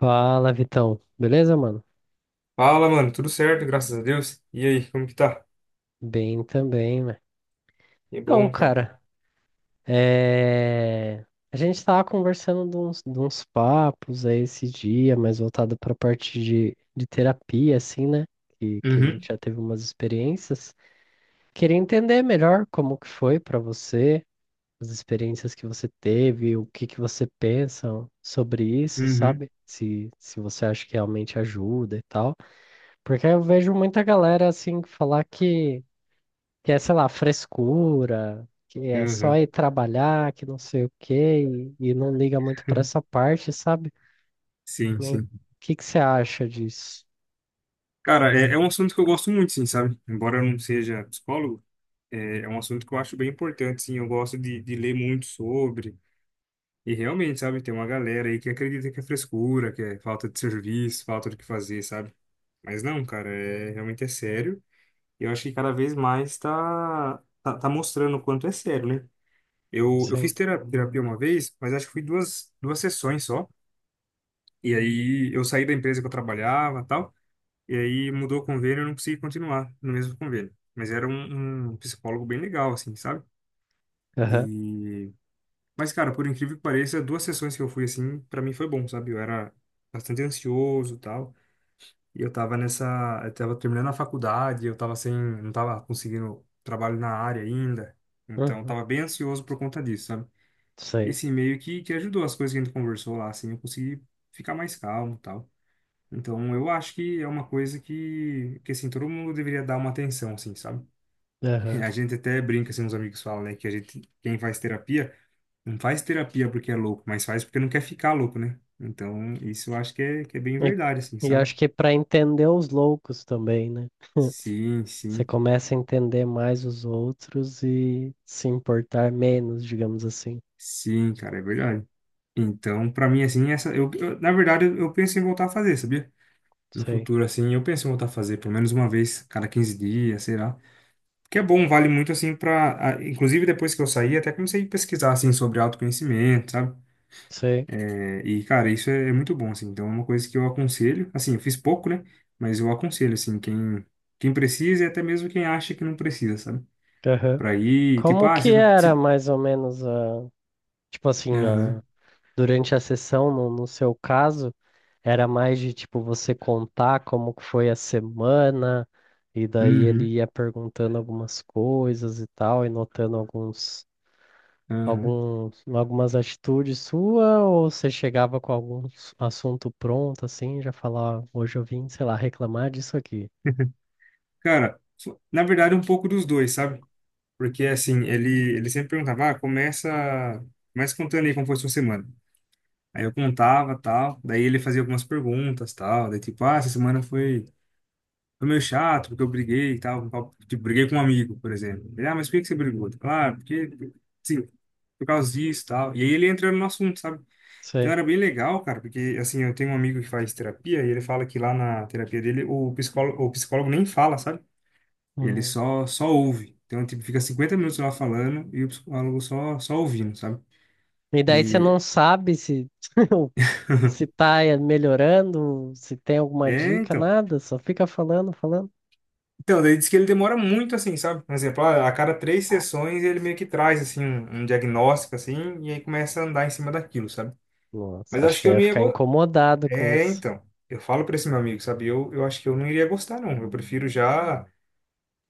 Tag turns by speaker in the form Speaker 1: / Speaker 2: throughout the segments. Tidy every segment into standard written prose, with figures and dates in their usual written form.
Speaker 1: Fala, Vitão. Beleza, mano?
Speaker 2: Fala, mano, tudo certo, graças a Deus. E aí, como que tá?
Speaker 1: Bem também, né?
Speaker 2: Que
Speaker 1: Então,
Speaker 2: bom, cara.
Speaker 1: cara, é... a gente tava conversando de uns papos aí esse dia, mais voltado pra parte de terapia, assim, né? Que a
Speaker 2: Uhum,
Speaker 1: gente já teve umas experiências. Queria entender melhor como que foi pra você, as experiências que você teve, o que que você pensa sobre isso,
Speaker 2: uhum,
Speaker 1: sabe? Se você acha que realmente ajuda e tal. Porque eu vejo muita galera, assim, falar que é, sei lá, frescura, que é só
Speaker 2: uhum.
Speaker 1: ir trabalhar, que não sei o quê, e não liga muito pra essa parte, sabe?
Speaker 2: Sim,
Speaker 1: O
Speaker 2: sim.
Speaker 1: que que você acha disso?
Speaker 2: Cara, é um assunto que eu gosto muito, sim, sabe? Embora eu não seja psicólogo, é um assunto que eu acho bem importante, sim. Eu gosto de ler muito sobre. E realmente, sabe, tem uma galera aí que acredita que é frescura, que é falta de serviço, falta do que fazer, sabe? Mas não, cara, realmente é sério. E eu acho que cada vez mais tá mostrando o quanto é sério, né? Eu fiz
Speaker 1: Sim.
Speaker 2: terapia uma vez, mas acho que foi duas sessões só. E aí eu saí da empresa que eu trabalhava e tal. E aí mudou o convênio e eu não consegui continuar no mesmo convênio. Mas era um psicólogo bem legal, assim, sabe?
Speaker 1: Aham.
Speaker 2: E... Mas, cara, por incrível que pareça, duas sessões que eu fui, assim, pra mim foi bom, sabe? Eu era bastante ansioso e tal. Eu tava terminando a faculdade, eu tava sem... Não tava conseguindo trabalho na área ainda. Então, eu
Speaker 1: Uhum.
Speaker 2: tava bem ansioso por conta disso, sabe? E
Speaker 1: Sei.
Speaker 2: assim, meio que ajudou as coisas que a gente conversou lá, assim, eu consegui ficar mais calmo e tal. Então, eu acho que é uma coisa que assim, todo mundo deveria dar uma atenção, assim, sabe?
Speaker 1: Aham.
Speaker 2: A gente até brinca, assim, os amigos falam, né, que a gente, quem faz terapia, não faz terapia porque é louco, mas faz porque não quer ficar louco, né? Então, isso eu acho que é bem
Speaker 1: E,
Speaker 2: verdade, assim,
Speaker 1: e
Speaker 2: sabe?
Speaker 1: acho que para entender os loucos também, né?
Speaker 2: Sim,
Speaker 1: Você
Speaker 2: sim,
Speaker 1: começa a entender mais os outros e se importar menos, digamos assim.
Speaker 2: sim, cara, é verdade. Então, pra mim, assim, na verdade, eu penso em voltar a fazer, sabia? No
Speaker 1: Sei.
Speaker 2: futuro, assim. Eu penso em voltar a fazer pelo menos uma vez cada 15 dias, sei lá. Porque é bom, vale muito, assim, inclusive, depois que eu saí, até comecei a pesquisar, assim, sobre autoconhecimento, sabe?
Speaker 1: Sei.
Speaker 2: E, cara, isso é muito bom, assim. Então, é uma coisa que eu aconselho. Assim, eu fiz pouco, né? Mas eu aconselho, assim, quem precisa e até mesmo quem acha que não precisa, sabe?
Speaker 1: Aham.
Speaker 2: Pra ir, tipo,
Speaker 1: Como
Speaker 2: ah,
Speaker 1: que
Speaker 2: se... não-
Speaker 1: era
Speaker 2: se...
Speaker 1: mais ou menos a, tipo assim,
Speaker 2: Aham,
Speaker 1: a durante a sessão, no seu caso, era mais de tipo você contar como que foi a semana, e daí ele
Speaker 2: uhum,
Speaker 1: ia perguntando algumas coisas e tal, e notando alguns,
Speaker 2: aham.
Speaker 1: algumas atitudes sua, ou você chegava com algum assunto pronto, assim, já falava: "Ah, hoje eu vim, sei lá, reclamar disso aqui."
Speaker 2: Cara, na verdade, um pouco dos dois, sabe? Porque, assim, ele sempre perguntava, ah, começa contando aí como foi sua semana. Aí eu contava, tal, daí ele fazia algumas perguntas, tal, daí tipo, ah, essa semana foi meio chato, porque eu briguei, e tal, tipo, briguei com um amigo, por exemplo. Ele, ah, mas por que que você brigou? Claro, porque, sim, por causa disso, tal. E aí ele entra no assunto, sabe? Então
Speaker 1: Sei.
Speaker 2: era bem legal, cara, porque, assim, eu tenho um amigo que faz terapia, e ele fala que lá na terapia dele, o psicólogo nem fala, sabe? Ele
Speaker 1: Hum.
Speaker 2: só ouve. Então, tipo, fica 50 minutos lá falando e o psicólogo só ouvindo, sabe?
Speaker 1: E daí você não
Speaker 2: E
Speaker 1: sabe se se tá melhorando, se tem alguma
Speaker 2: é,
Speaker 1: dica,
Speaker 2: então.
Speaker 1: nada, só fica falando, falando.
Speaker 2: Então, daí diz que ele demora muito, assim, sabe? Por exemplo, a cada três sessões ele meio que traz, assim, um diagnóstico, assim, e aí começa a andar em cima daquilo, sabe?
Speaker 1: Nossa,
Speaker 2: Mas eu
Speaker 1: acho
Speaker 2: acho
Speaker 1: que
Speaker 2: que
Speaker 1: eu
Speaker 2: eu
Speaker 1: ia
Speaker 2: não ia.
Speaker 1: ficar incomodado com
Speaker 2: É,
Speaker 1: isso.
Speaker 2: então. Eu falo pra esse meu amigo, sabe? Eu acho que eu não iria gostar, não. Eu prefiro já,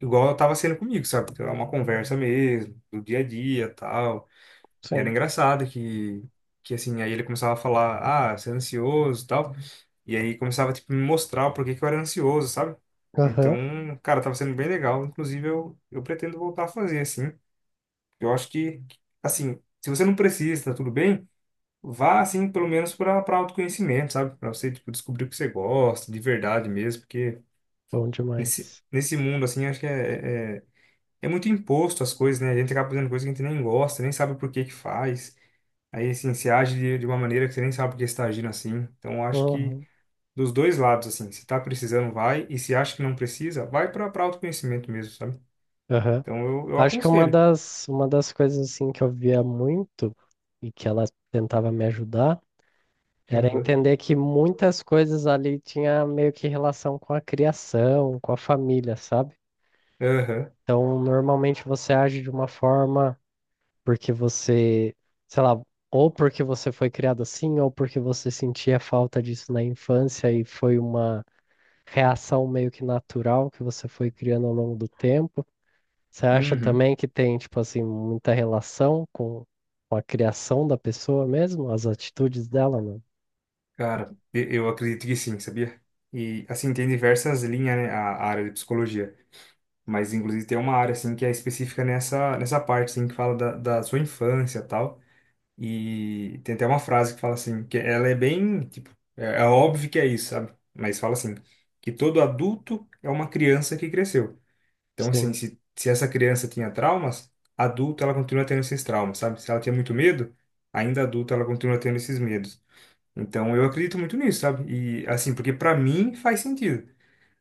Speaker 2: igual tava sendo comigo, sabe? Então, é uma conversa mesmo, do dia a dia, tal. E era
Speaker 1: Sim.
Speaker 2: engraçado que assim, aí ele começava a falar, ah, você é ansioso e tal. E aí começava, tipo, me mostrar o porquê que eu era ansioso, sabe? Então,
Speaker 1: Aham.
Speaker 2: cara, tava sendo bem legal. Inclusive, eu pretendo voltar a fazer, assim. Eu acho que, assim, se você não precisa, tá tudo bem, vá, assim, pelo menos para autoconhecimento, sabe? Para você, tipo, descobrir o que você gosta, de verdade mesmo. Porque
Speaker 1: Bom
Speaker 2: nesse,
Speaker 1: demais.
Speaker 2: nesse mundo, assim, acho que é muito imposto as coisas, né? A gente acaba fazendo coisas que a gente nem gosta, nem sabe por que que faz. Aí, assim, você age de uma maneira que você nem sabe por que você está agindo assim. Então, eu acho que
Speaker 1: Uhum.
Speaker 2: dos dois lados, assim, se tá precisando, vai. E se acha que não precisa, vai para autoconhecimento mesmo, sabe?
Speaker 1: Aham.
Speaker 2: Então, eu
Speaker 1: Acho que
Speaker 2: aconselho.
Speaker 1: uma das coisas assim que eu via muito e que ela tentava me ajudar era
Speaker 2: Aham,
Speaker 1: entender que muitas coisas ali tinha meio que relação com a criação, com a família, sabe?
Speaker 2: aham,
Speaker 1: Então, normalmente você age de uma forma porque você, sei lá, ou porque você foi criado assim, ou porque você sentia falta disso na infância e foi uma reação meio que natural que você foi criando ao longo do tempo? Você acha
Speaker 2: uhum.
Speaker 1: também que tem, tipo assim, muita relação com a criação da pessoa mesmo, as atitudes dela, mano?
Speaker 2: Cara, eu acredito que sim, sabia? E, assim, tem diversas linhas, né, a área de psicologia. Mas, inclusive, tem uma área, assim, que é específica nessa parte, assim, que fala da sua infância e tal. E tem até uma frase que fala assim, que ela é bem, tipo, é óbvio que é isso, sabe? Mas fala assim, que todo adulto é uma criança que cresceu. Então, assim,
Speaker 1: Sim,
Speaker 2: se essa criança tinha traumas, adulta ela continua tendo esses traumas, sabe? Se ela tinha muito medo, ainda adulta ela continua tendo esses medos. Então, eu acredito muito nisso, sabe? E, assim, porque pra mim faz sentido.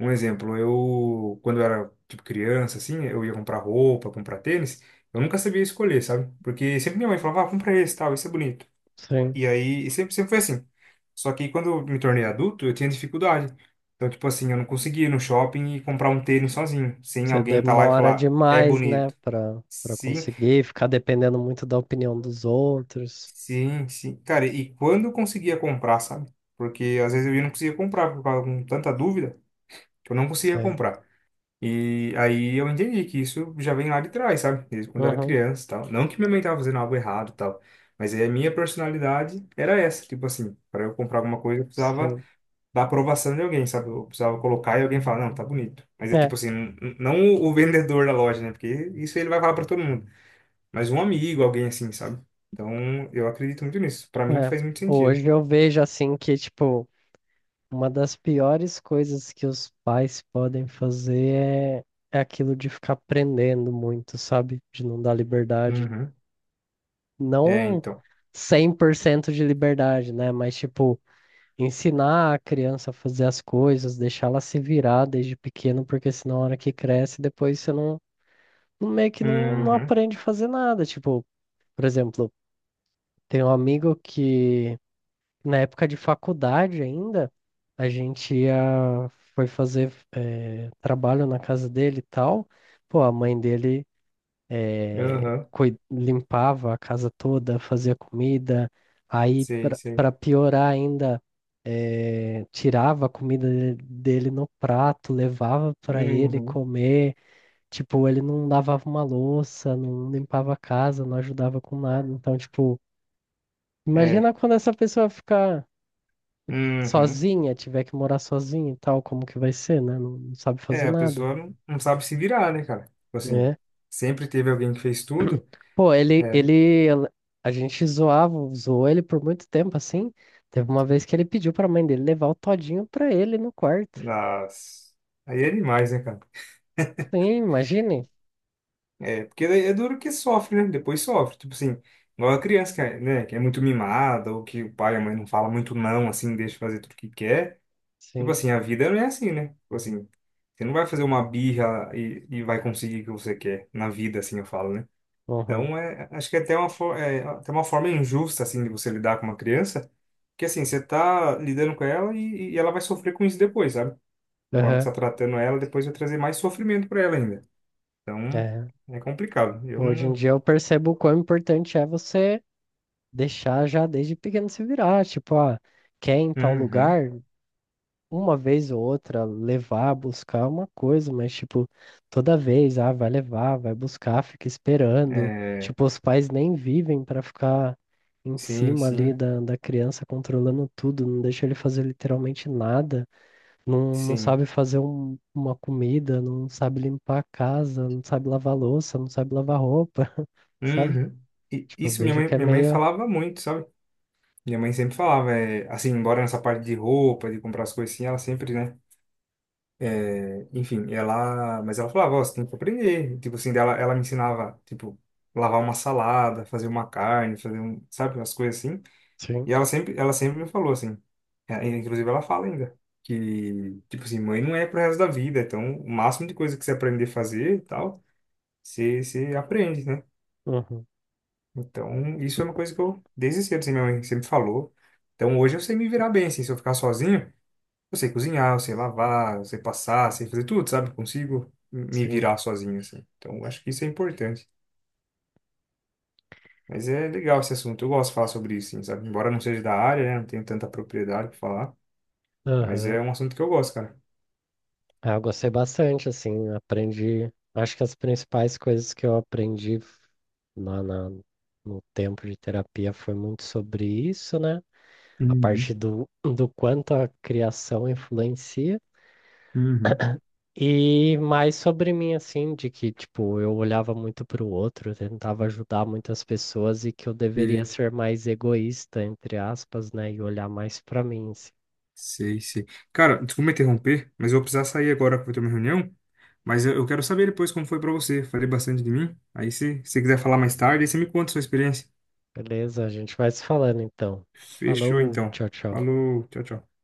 Speaker 2: Um exemplo, eu, quando eu era, tipo, criança, assim, eu ia comprar roupa, comprar tênis, eu nunca sabia escolher, sabe? Porque sempre minha mãe falava, ah, compra esse, tal, esse é bonito.
Speaker 1: sim.
Speaker 2: E aí, e sempre foi assim. Só que quando eu me tornei adulto, eu tinha dificuldade. Então, tipo assim, eu não conseguia ir no shopping e comprar um tênis sozinho, sem
Speaker 1: Você
Speaker 2: alguém estar lá e
Speaker 1: demora
Speaker 2: falar, é
Speaker 1: demais, né,
Speaker 2: bonito.
Speaker 1: pra
Speaker 2: Sim,
Speaker 1: conseguir ficar dependendo muito da opinião dos outros.
Speaker 2: sim, sim. Cara, e quando eu conseguia comprar, sabe? Porque às vezes eu ia e não conseguia comprar por causa de tanta dúvida que eu não conseguia
Speaker 1: Sim.
Speaker 2: comprar. E aí eu entendi que isso já vem lá de trás, sabe? Desde quando eu era
Speaker 1: Uhum,
Speaker 2: criança e tal. Não que minha mãe estava fazendo algo errado e tal, mas aí a minha personalidade era essa, tipo assim, para eu comprar alguma coisa eu precisava
Speaker 1: sim.
Speaker 2: da aprovação de alguém, sabe? Eu precisava colocar e alguém falar, não, tá bonito. Mas é
Speaker 1: É,
Speaker 2: tipo assim, não o vendedor da loja, né? Porque isso ele vai falar pra todo mundo. Mas um amigo, alguém assim, sabe? Então, eu acredito muito nisso. Pra mim
Speaker 1: é.
Speaker 2: faz muito sentido.
Speaker 1: Hoje eu vejo assim que, tipo, uma das piores coisas que os pais podem fazer é aquilo de ficar prendendo muito, sabe? De não dar liberdade.
Speaker 2: Uhum. É,
Speaker 1: Não
Speaker 2: então.
Speaker 1: 100% de liberdade, né? Mas, tipo, ensinar a criança a fazer as coisas, deixar ela se virar desde pequeno, porque senão, na hora que cresce, depois você meio que não
Speaker 2: Uhum.
Speaker 1: aprende a fazer nada. Tipo, por exemplo, tem um amigo que na época de faculdade ainda, a gente ia, foi fazer trabalho na casa dele e tal. Pô, a mãe dele
Speaker 2: Aham.
Speaker 1: limpava a casa toda, fazia comida. Aí,
Speaker 2: Sei, sei.
Speaker 1: para piorar ainda, tirava a comida dele no prato, levava para ele
Speaker 2: Uhum.
Speaker 1: comer. Tipo, ele não lavava uma louça, não limpava a casa, não ajudava com nada. Então, tipo, imagina
Speaker 2: É.
Speaker 1: quando essa pessoa ficar
Speaker 2: Uhum.
Speaker 1: sozinha, tiver que morar sozinha e tal, como que vai ser, né? Não, não sabe fazer
Speaker 2: É, a
Speaker 1: nada,
Speaker 2: pessoa não sabe se virar, né, cara? Tipo assim,
Speaker 1: né?
Speaker 2: sempre teve alguém que fez tudo.
Speaker 1: Pô,
Speaker 2: É,
Speaker 1: a gente zoava, zoou ele por muito tempo, assim. Teve uma vez que ele pediu pra mãe dele levar o todinho pra ele no quarto.
Speaker 2: nas... Aí é demais, né, cara?
Speaker 1: Sim, imagine.
Speaker 2: É, porque daí é duro que sofre, né? Depois sofre. Tipo assim, igual a criança que é, né, que é muito mimada, ou que o pai e a mãe não fala muito não, assim, deixa fazer tudo que quer. Tipo
Speaker 1: Sim.
Speaker 2: assim, a vida não é assim, né? Tipo assim, você não vai fazer uma birra e vai conseguir o que você quer na vida, assim, eu falo, né?
Speaker 1: Uhum.
Speaker 2: Então, acho que é até uma forma injusta, assim, de você lidar com uma criança, porque assim, você tá lidando com ela e ela vai sofrer com isso depois, sabe? A forma que
Speaker 1: Aham.
Speaker 2: você tá tratando ela, depois vai trazer mais sofrimento pra ela ainda. Então,
Speaker 1: É.
Speaker 2: é complicado. Eu
Speaker 1: Hoje em
Speaker 2: não.
Speaker 1: dia eu percebo o quão importante é você deixar já desde pequeno se virar. Tipo, ah, quer ir em tal
Speaker 2: Uhum.
Speaker 1: lugar? Uma vez ou outra levar, buscar uma coisa, mas tipo, toda vez, ah, vai levar, vai buscar, fica esperando.
Speaker 2: É,
Speaker 1: Tipo, os pais nem vivem pra ficar em
Speaker 2: sim,
Speaker 1: cima ali
Speaker 2: sim,
Speaker 1: da criança controlando tudo, não deixa ele fazer literalmente nada, não
Speaker 2: sim.
Speaker 1: sabe fazer uma comida, não sabe limpar a casa, não sabe lavar louça, não sabe lavar roupa, sabe?
Speaker 2: Uhum. E
Speaker 1: Tipo, eu
Speaker 2: isso minha
Speaker 1: vejo
Speaker 2: mãe,
Speaker 1: que é
Speaker 2: minha mãe
Speaker 1: meio.
Speaker 2: falava muito, sabe? Minha mãe sempre falava, assim, embora nessa parte de roupa, de comprar as coisas assim, ela sempre, né? Enfim ela. Mas ela falava, ó, você tem que aprender. Tipo assim, ela me ensinava, tipo, lavar uma salada, fazer uma carne, fazer um, sabe, umas coisas assim.
Speaker 1: Sim,
Speaker 2: E ela sempre me falou assim, inclusive ela fala ainda. Que, tipo assim, mãe não é pro resto da vida, então o máximo de coisa que você aprender a fazer e tal. Você aprende, né?
Speaker 1: uhum,
Speaker 2: Então, isso é uma coisa que eu, desde cedo, assim, minha mãe sempre falou. Então, hoje eu sei me virar bem, assim, se eu ficar sozinho, eu sei cozinhar, eu sei lavar, eu sei passar, eu sei fazer tudo, sabe? Consigo me
Speaker 1: sim.
Speaker 2: virar sozinho, assim. Então, eu acho que isso é importante. Mas é legal esse assunto, eu gosto de falar sobre isso, assim, sabe? Embora não seja da área, né? Não tenho tanta propriedade para falar, mas
Speaker 1: Aham.
Speaker 2: é um assunto que eu gosto, cara.
Speaker 1: Ah, eu gostei bastante, assim, aprendi. Acho que as principais coisas que eu aprendi lá na, no tempo de terapia foi muito sobre isso, né? A
Speaker 2: Uhum,
Speaker 1: parte do quanto a criação influencia.
Speaker 2: uhum.
Speaker 1: E mais sobre mim, assim, de que, tipo, eu olhava muito para o outro, eu tentava ajudar muitas pessoas e que eu deveria ser mais egoísta, entre aspas, né? E olhar mais para mim, assim.
Speaker 2: Sei, sei. Cara, desculpa me interromper, mas eu vou precisar sair agora que eu vou ter uma reunião. Mas eu quero saber depois como foi pra você. Falei bastante de mim. Aí se você quiser falar mais tarde, aí você me conta a sua experiência.
Speaker 1: Beleza? A gente vai se falando, então.
Speaker 2: Fechou
Speaker 1: Falou,
Speaker 2: então.
Speaker 1: tchau, tchau.
Speaker 2: Falou, tchau, tchau.